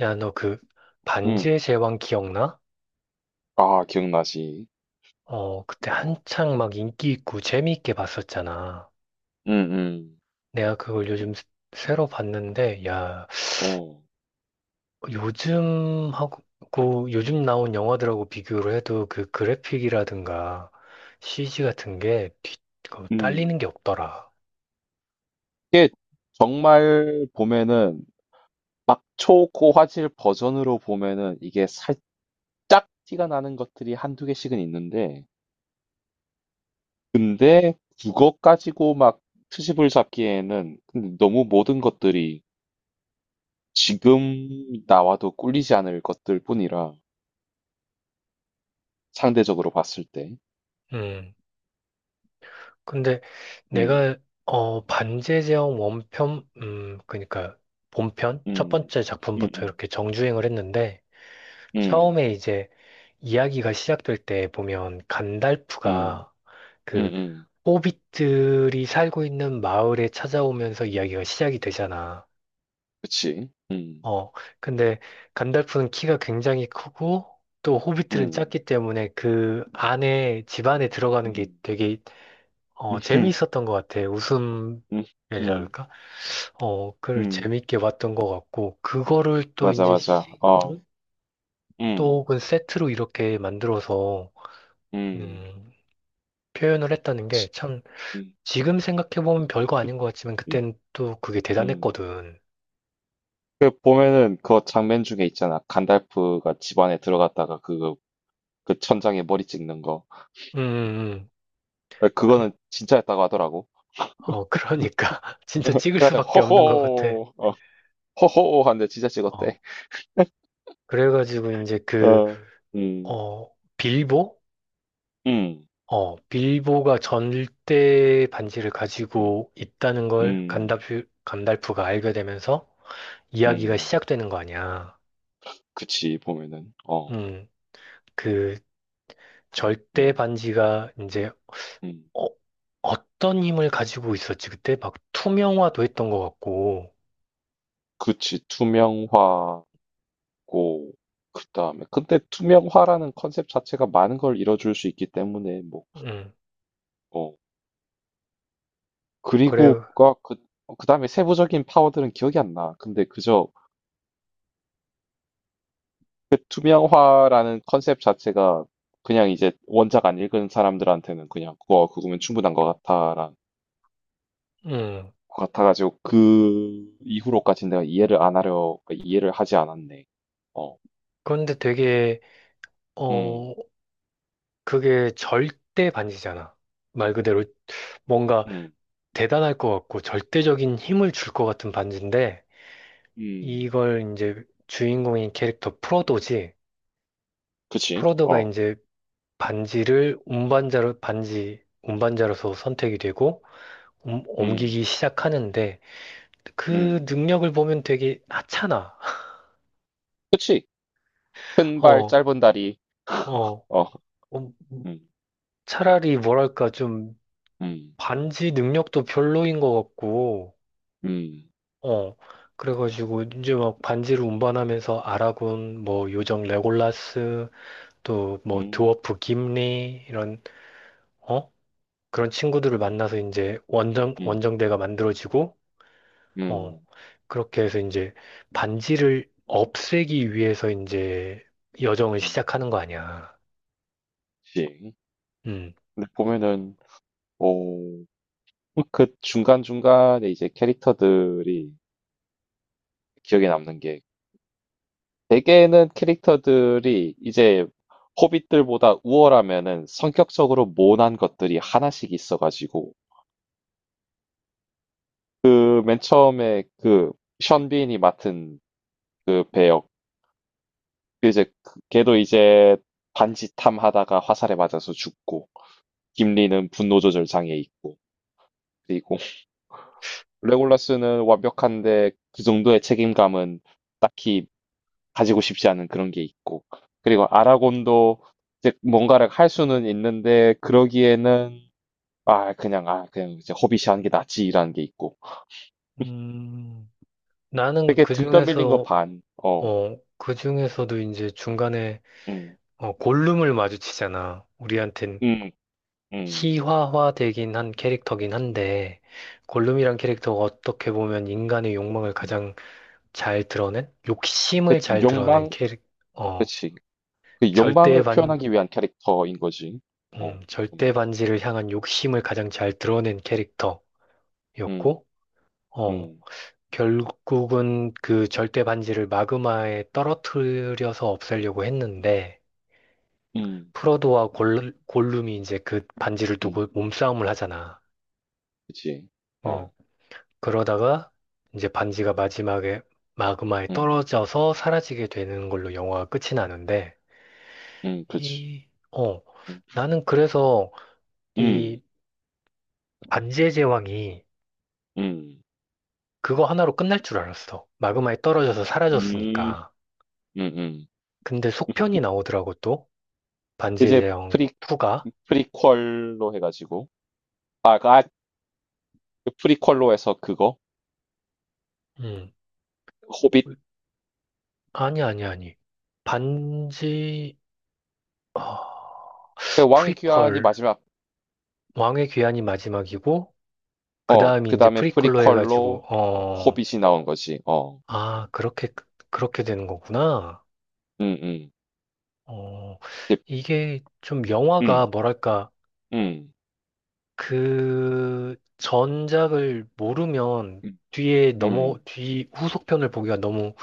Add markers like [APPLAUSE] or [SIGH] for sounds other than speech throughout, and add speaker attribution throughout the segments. Speaker 1: 야, 너 그
Speaker 2: 음.
Speaker 1: 반지의 제왕 기억나?
Speaker 2: 아, 기억나지.
Speaker 1: 어, 그때
Speaker 2: 어.
Speaker 1: 한창 막 인기 있고 재미있게 봤었잖아.
Speaker 2: 음, 음.
Speaker 1: 내가 그걸 요즘 새로 봤는데, 야,
Speaker 2: 어.
Speaker 1: 요즘 하고
Speaker 2: 음.
Speaker 1: 요즘 나온 영화들하고 비교를 해도 그 그래픽이라든가 CG 같은 게 그 딸리는
Speaker 2: 음.
Speaker 1: 게 없더라.
Speaker 2: 정말 보면은 초고 화질 버전으로 보면은 이게 살짝 티가 나는 것들이 한두 개씩은 있는데, 근데 그거 가지고 막 트집을 잡기에는 근데 너무 모든 것들이 지금 나와도 꿀리지 않을 것들 뿐이라, 상대적으로 봤을 때.
Speaker 1: 음, 근데
Speaker 2: 음.
Speaker 1: 내가 반지의 제왕 원편, 그러니까 본편 첫
Speaker 2: 음.
Speaker 1: 번째
Speaker 2: 음.
Speaker 1: 작품부터
Speaker 2: 음.
Speaker 1: 이렇게 정주행을 했는데
Speaker 2: 음.
Speaker 1: 처음에 이제 이야기가 시작될 때 보면
Speaker 2: 음.
Speaker 1: 간달프가
Speaker 2: 음.
Speaker 1: 그
Speaker 2: 음.
Speaker 1: 호빗들이 살고 있는 마을에 찾아오면서 이야기가 시작이 되잖아.
Speaker 2: 그치. 음.
Speaker 1: 어, 근데 간달프는 키가 굉장히 크고 또 호빗들은
Speaker 2: 음.
Speaker 1: 작기 때문에 그 안에 집 안에 들어가는 게
Speaker 2: 음.
Speaker 1: 되게
Speaker 2: 음
Speaker 1: 재미있었던 것 같아. 웃음이라
Speaker 2: 음. 음.
Speaker 1: 할까? 어, 그걸
Speaker 2: 음.
Speaker 1: 재미있게 봤던 것 같고 그거를 또
Speaker 2: 맞아,
Speaker 1: 이제
Speaker 2: 맞아.
Speaker 1: 시 g 로
Speaker 2: 어.
Speaker 1: 또
Speaker 2: 음.
Speaker 1: 혹은 세트로 이렇게 만들어서
Speaker 2: 음.
Speaker 1: 음, 표현을 했다는 게
Speaker 2: 치-
Speaker 1: 참
Speaker 2: 음.
Speaker 1: 지금 생각해보면 별거 아닌 것 같지만
Speaker 2: 음.
Speaker 1: 그땐 또 그게
Speaker 2: 음.
Speaker 1: 대단했거든.
Speaker 2: 그 보면은 그 장면 중에 있잖아. 간달프가 집 안에 들어갔다가 그 천장에 머리 찍는 거.
Speaker 1: 음, 음, 음.
Speaker 2: 그거는
Speaker 1: 그-
Speaker 2: 진짜였다고 하더라고.
Speaker 1: 어, 그러니까. [LAUGHS] 진짜
Speaker 2: [LAUGHS]
Speaker 1: 찍을
Speaker 2: 그래서
Speaker 1: 수밖에 없는 것 같아.
Speaker 2: 호호, 어, 호호 하는데 진짜
Speaker 1: 어,
Speaker 2: 찍었대. [LAUGHS]
Speaker 1: 그래가지고 이제 그,
Speaker 2: 어. 음.
Speaker 1: 어, 빌보?
Speaker 2: 음.
Speaker 1: 어, 빌보가 전대 반지를
Speaker 2: 음.
Speaker 1: 가지고 있다는 걸
Speaker 2: 음.
Speaker 1: 간달프가 알게 되면서 이야기가
Speaker 2: 음.
Speaker 1: 시작되는 거 아니야.
Speaker 2: 그치 보면은. 어.
Speaker 1: 음, 그 절대
Speaker 2: 음.
Speaker 1: 반지가 이제
Speaker 2: 음.
Speaker 1: 어, 어떤 힘을 가지고 있었지? 그때 막 투명화도 했던 것 같고.
Speaker 2: 그치 투명화. 고 그다음에 근데 투명화라는 컨셉 자체가 많은 걸 이뤄줄 수 있기 때문에 뭐
Speaker 1: 음,
Speaker 2: 어,
Speaker 1: 그래요.
Speaker 2: 그리고가 그 그다음에 세부적인 파워들은 기억이 안 나. 근데 그저 그 투명화라는 컨셉 자체가 그냥 이제 원작 안 읽은 사람들한테는 그냥 그거면 충분한
Speaker 1: 음,
Speaker 2: 것 같아가지고 그 이후로까지 내가 이해를 안 하려 그러니까 이해를 하지 않았네. 어,
Speaker 1: 그런데 되게,
Speaker 2: 음,
Speaker 1: 어, 그게 절대 반지잖아. 말 그대로 뭔가
Speaker 2: 음,
Speaker 1: 대단할 것 같고 절대적인 힘을 줄 것 같은 반지인데,
Speaker 2: 음,
Speaker 1: 이걸 이제 주인공인 캐릭터 프로도지,
Speaker 2: 그치?
Speaker 1: 프로도가
Speaker 2: 어,
Speaker 1: 이제 반지, 운반자로서 선택이 되고,
Speaker 2: 음,
Speaker 1: 옮기기 시작하는데, 그
Speaker 2: 음,
Speaker 1: 능력을 보면 되게 하찮아.
Speaker 2: 그치? 큰 발,
Speaker 1: 어,
Speaker 2: 짧은 다리.
Speaker 1: 어,
Speaker 2: 어.
Speaker 1: 음,
Speaker 2: 음.
Speaker 1: 차라리 뭐랄까 좀
Speaker 2: 음.
Speaker 1: 반지 능력도 별로인 것 같고,
Speaker 2: 음.
Speaker 1: 어, 그래가지고 이제 막 반지를 운반하면서 아라곤, 뭐 요정 레골라스, 또 뭐
Speaker 2: 음.
Speaker 1: 드워프 김리 이런 어 그런 친구들을
Speaker 2: 그치.
Speaker 1: 만나서 이제
Speaker 2: 음.
Speaker 1: 원정대가 만들어지고, 어
Speaker 2: 음.
Speaker 1: 그렇게 해서 이제 반지를 없애기 위해서 이제 여정을
Speaker 2: 음.
Speaker 1: 시작하는 거 아니야.
Speaker 2: 그치.
Speaker 1: 음.
Speaker 2: 근데 보면은 어 그 중간중간에 이제 캐릭터들이 기억에 남는 게, 대개는 캐릭터들이 이제 호빗들보다 우월하면은 성격적으로 모난 것들이 하나씩 있어가지고, 그 맨 처음에 그 션빈이 맡은 그 배역, 이제 그 걔도 이제 반지탐 하다가 화살에 맞아서 죽고, 김리는 분노 조절 장애 있고, 그리고 [LAUGHS] 레골라스는 완벽한데 그 정도의 책임감은 딱히 가지고 싶지 않은 그런 게 있고, 그리고 아라곤도 이제 뭔가를 할 수는 있는데 그러기에는 아 그냥 이제 허비시 하는 게 낫지라는 게 있고,
Speaker 1: 음, 나는
Speaker 2: 되게
Speaker 1: 그
Speaker 2: 등 떠밀린 거
Speaker 1: 중에서,
Speaker 2: 반. 어.
Speaker 1: 어, 그 중에서도 이제 중간에
Speaker 2: 음.
Speaker 1: 어, 골룸을 마주치잖아. 우리한텐
Speaker 2: 음. 음.
Speaker 1: 희화화되긴 한 캐릭터긴 한데, 골룸이란 캐릭터가 어떻게 보면 인간의 욕망을 가장 잘 드러낸,
Speaker 2: 그
Speaker 1: 욕심을 잘 드러낸
Speaker 2: 욕망.
Speaker 1: 캐릭, 어,
Speaker 2: 그치. 그
Speaker 1: 절대
Speaker 2: 욕망을
Speaker 1: 반,
Speaker 2: 표현하기 위한 캐릭터인 거지. 어.
Speaker 1: 절대
Speaker 2: 보면.
Speaker 1: 반지를 향한 욕심을 가장 잘 드러낸 캐릭터였고,
Speaker 2: 음.
Speaker 1: 어,
Speaker 2: 음.
Speaker 1: 결국은 그 절대 반지를 마그마에 떨어뜨려서 없애려고 했는데,
Speaker 2: 음.
Speaker 1: 프로도와 골룸이 이제 그 반지를 두고
Speaker 2: 음.
Speaker 1: 몸싸움을 하잖아.
Speaker 2: 그치.
Speaker 1: 음.
Speaker 2: 어.
Speaker 1: 그러다가 이제 반지가 마지막에 마그마에
Speaker 2: 음.
Speaker 1: 떨어져서 사라지게 되는 걸로 영화가 끝이 나는데,
Speaker 2: 그치.
Speaker 1: 이, 어,
Speaker 2: 음.
Speaker 1: 나는 그래서
Speaker 2: 음.
Speaker 1: 이 반지의 제왕이
Speaker 2: 음.
Speaker 1: 그거 하나로 끝날 줄 알았어. 마그마에 떨어져서
Speaker 2: 음.
Speaker 1: 사라졌으니까.
Speaker 2: 음음.
Speaker 1: 근데 속편이 나오더라고 또. 반지의
Speaker 2: 이제
Speaker 1: 제왕
Speaker 2: 프리
Speaker 1: 2가.
Speaker 2: 프리퀄로 해 가지고, 아, 그 프리퀄로 해서 그거
Speaker 1: 음.
Speaker 2: 호빗.
Speaker 1: 아니, 아니, 아니. 반지, 어,
Speaker 2: 그 왕의
Speaker 1: 프리퀄,
Speaker 2: 귀환이 마지막.
Speaker 1: 왕의 귀환이 마지막이고, 그
Speaker 2: 어,
Speaker 1: 다음이 이제
Speaker 2: 그다음에
Speaker 1: 프리퀄로 해가지고,
Speaker 2: 프리퀄로, 어,
Speaker 1: 어...
Speaker 2: 호빗이 나온 거지. 어.
Speaker 1: 아, 그렇게, 그렇게 되는 거구나.
Speaker 2: 음, 음.
Speaker 1: 어,
Speaker 2: 이제
Speaker 1: 이게 좀 영화가
Speaker 2: 음.
Speaker 1: 뭐랄까,
Speaker 2: 음.
Speaker 1: 그 전작을 모르면
Speaker 2: 음. 음.
Speaker 1: 뒤 후속편을 보기가 너무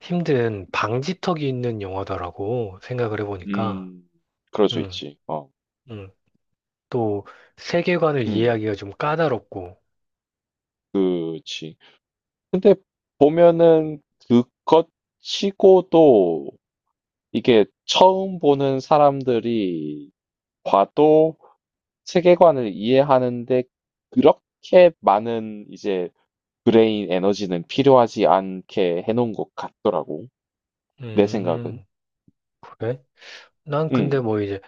Speaker 1: 힘든 방지턱이 있는 영화다라고 생각을 해보니까,
Speaker 2: 음. 그럴 수
Speaker 1: 음,
Speaker 2: 있지. 어.
Speaker 1: 음, 또 세계관을
Speaker 2: 음.
Speaker 1: 이해하기가 좀 까다롭고,
Speaker 2: 그치. 근데 보면은 그것 치고도 이게 처음 보는 사람들이 봐도 세계관을 이해하는데 그렇게 많은 이제 브레인 에너지는 필요하지 않게 해놓은 것 같더라고. 내 생각은.
Speaker 1: 음, 그래? 난
Speaker 2: 응,
Speaker 1: 근데 뭐 이제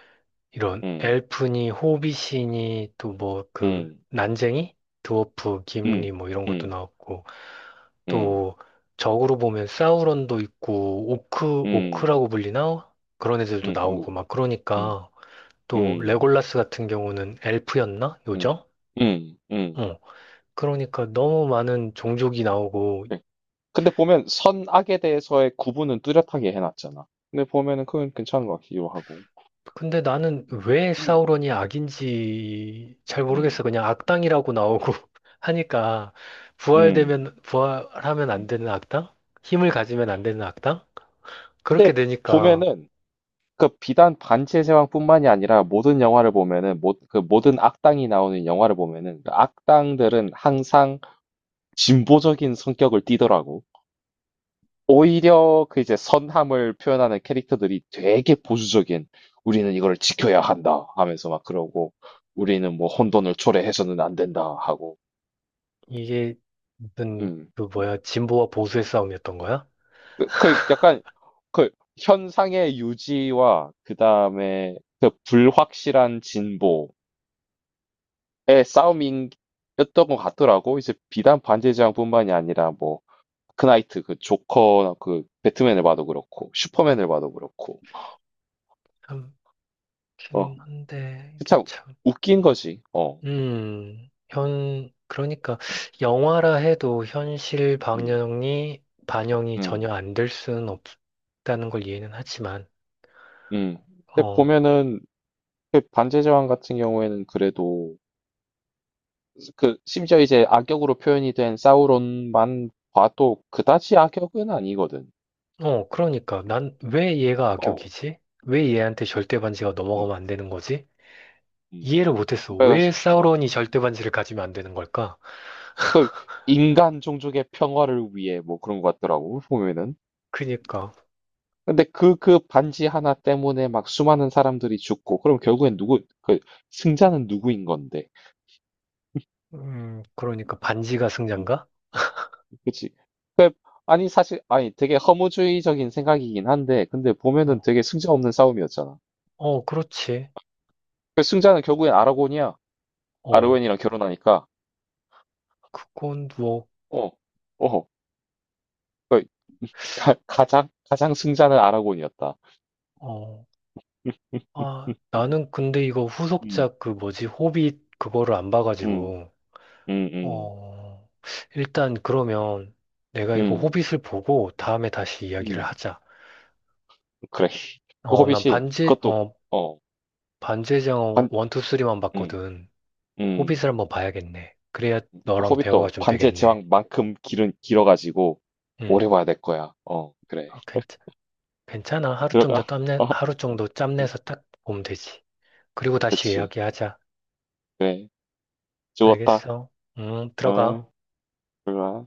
Speaker 1: 이런
Speaker 2: 응,
Speaker 1: 엘프니, 호빗이니, 또 뭐
Speaker 2: 응,
Speaker 1: 그 난쟁이, 드워프,
Speaker 2: 응,
Speaker 1: 김리 뭐 이런 것도
Speaker 2: 응,
Speaker 1: 나왔고
Speaker 2: 응,
Speaker 1: 또 적으로 보면 사우론도 있고
Speaker 2: 응,
Speaker 1: 오크라고 불리나? 그런 애들도
Speaker 2: 응
Speaker 1: 나오고
Speaker 2: 뭐,
Speaker 1: 막
Speaker 2: 응,
Speaker 1: 그러니까
Speaker 2: 응,
Speaker 1: 또
Speaker 2: 응,
Speaker 1: 레골라스 같은 경우는 엘프였나?
Speaker 2: 응.
Speaker 1: 요정?
Speaker 2: 응.
Speaker 1: 어. 그러니까 너무 많은 종족이 나오고
Speaker 2: 네. 근데 보면 선악에 대해서의 구분은 뚜렷하게 해놨잖아. 근데 보면은 그건 괜찮은 것 같기도 하고.
Speaker 1: 근데 나는 왜
Speaker 2: 응
Speaker 1: 사우론이 악인지 잘 모르겠어.
Speaker 2: 응
Speaker 1: 그냥 악당이라고 나오고
Speaker 2: 응.
Speaker 1: [LAUGHS] 하니까
Speaker 2: 음,
Speaker 1: 부활되면 부활하면 안
Speaker 2: 음,
Speaker 1: 되는 악당? 힘을
Speaker 2: 음.
Speaker 1: 가지면 안 되는 악당?
Speaker 2: 근데
Speaker 1: 그렇게 되니까
Speaker 2: 보면은 그 비단 반지의 제왕뿐만이 아니라 모든 영화를 보면은, 모, 그 모든 악당이 나오는 영화를 보면은 그 악당들은 항상 진보적인 성격을 띠더라고. 오히려 그 이제 선함을 표현하는 캐릭터들이 되게 보수적인, 우리는 이걸 지켜야 한다 하면서 막 그러고, 우리는 뭐 혼돈을 초래해서는 안 된다 하고.
Speaker 1: 이게 무슨
Speaker 2: 음.
Speaker 1: 그 뭐야 진보와 보수의 싸움이었던 거야?
Speaker 2: 그 약간 그 현상의 유지와 그다음에 그 불확실한 진보의 싸움이었던 것 같더라고. 이제 비단 반지의제왕뿐만이 아니라 뭐 크나이트 그 조커 그 배트맨을 봐도 그렇고 슈퍼맨을 봐도 그렇고
Speaker 1: 참긴 한데 이게
Speaker 2: 어참
Speaker 1: 참
Speaker 2: 웃긴 거지. 어.
Speaker 1: 현 그러니까 영화라 해도 현실
Speaker 2: 음.
Speaker 1: 방영이 반영이 전혀
Speaker 2: 음.
Speaker 1: 안 될 수는 없다는 걸 이해는 하지만
Speaker 2: 음. 근데
Speaker 1: 어.
Speaker 2: 보면은 그 반지의제왕 같은 경우에는 그래도 그 심지어 이제 악역으로 표현이 된 사우론만 봐도 그다지 악역은 아니거든.
Speaker 1: 어, 그러니까 난 왜 얘가
Speaker 2: 어.
Speaker 1: 악역이지? 왜 얘한테 절대 반지가
Speaker 2: 음.
Speaker 1: 넘어가면 안 되는 거지?
Speaker 2: 음.
Speaker 1: 이해를 못했어. 왜
Speaker 2: 그래가지고 어.
Speaker 1: 사우론이 절대 반지를 가지면 안 되는 걸까?
Speaker 2: 그 인간 종족의 평화를 위해 뭐 그런 것 같더라고 보면은.
Speaker 1: 그니까,
Speaker 2: 근데 그 반지 하나 때문에 막 수많은 사람들이 죽고 그럼 결국엔 누구, 그 승자는 누구인 건데?
Speaker 1: 그러니까 반지가
Speaker 2: 음,
Speaker 1: 승자인가?
Speaker 2: 그치? 그 아니 사실 아니 되게 허무주의적인 생각이긴 한데 근데 보면은
Speaker 1: 어,
Speaker 2: 되게 승자 없는 싸움이었잖아.
Speaker 1: 어, 그렇지.
Speaker 2: 그 승자는 결국엔 아라곤이야.
Speaker 1: 어,
Speaker 2: 아르웬이랑 결혼하니까.
Speaker 1: 그건 뭐,
Speaker 2: 어, 어, 그 [LAUGHS] 가, 가장 가장 승자는 아라곤이었다.
Speaker 1: 어, 아,
Speaker 2: 음,
Speaker 1: 나는 근데 이거
Speaker 2: 음,
Speaker 1: 후속작 그 뭐지, 호빗 그거를 안
Speaker 2: 음,
Speaker 1: 봐가지고,
Speaker 2: 음, 음.
Speaker 1: 어, 일단 그러면 내가 이거
Speaker 2: 음.
Speaker 1: 호빗을 보고 다음에 다시 이야기를
Speaker 2: 음,
Speaker 1: 하자.
Speaker 2: 그래. 그
Speaker 1: 어, 난
Speaker 2: 호빗이
Speaker 1: 반지,
Speaker 2: 그것도
Speaker 1: 어,
Speaker 2: 어,
Speaker 1: 반지의 제왕
Speaker 2: 반,
Speaker 1: 1, 2, 3만
Speaker 2: 음,
Speaker 1: 봤거든.
Speaker 2: 음,
Speaker 1: 호빗을 한번 봐야겠네. 그래야
Speaker 2: 그
Speaker 1: 너랑 대화가
Speaker 2: 호빗도
Speaker 1: 좀
Speaker 2: 반지의
Speaker 1: 되겠네.
Speaker 2: 제왕만큼 길은 길어가지고
Speaker 1: 응.
Speaker 2: 오래 봐야 될 거야. 어, 그래.
Speaker 1: 어, 괜찮아.
Speaker 2: 들어가. [LAUGHS] 어,
Speaker 1: 하루 정도
Speaker 2: 음,
Speaker 1: 짬내서 딱 보면 되지. 그리고 다시
Speaker 2: 그치.
Speaker 1: 이야기하자.
Speaker 2: 그래. 죽었다.
Speaker 1: 알겠어? 응, 들어가.
Speaker 2: 어, 들어가.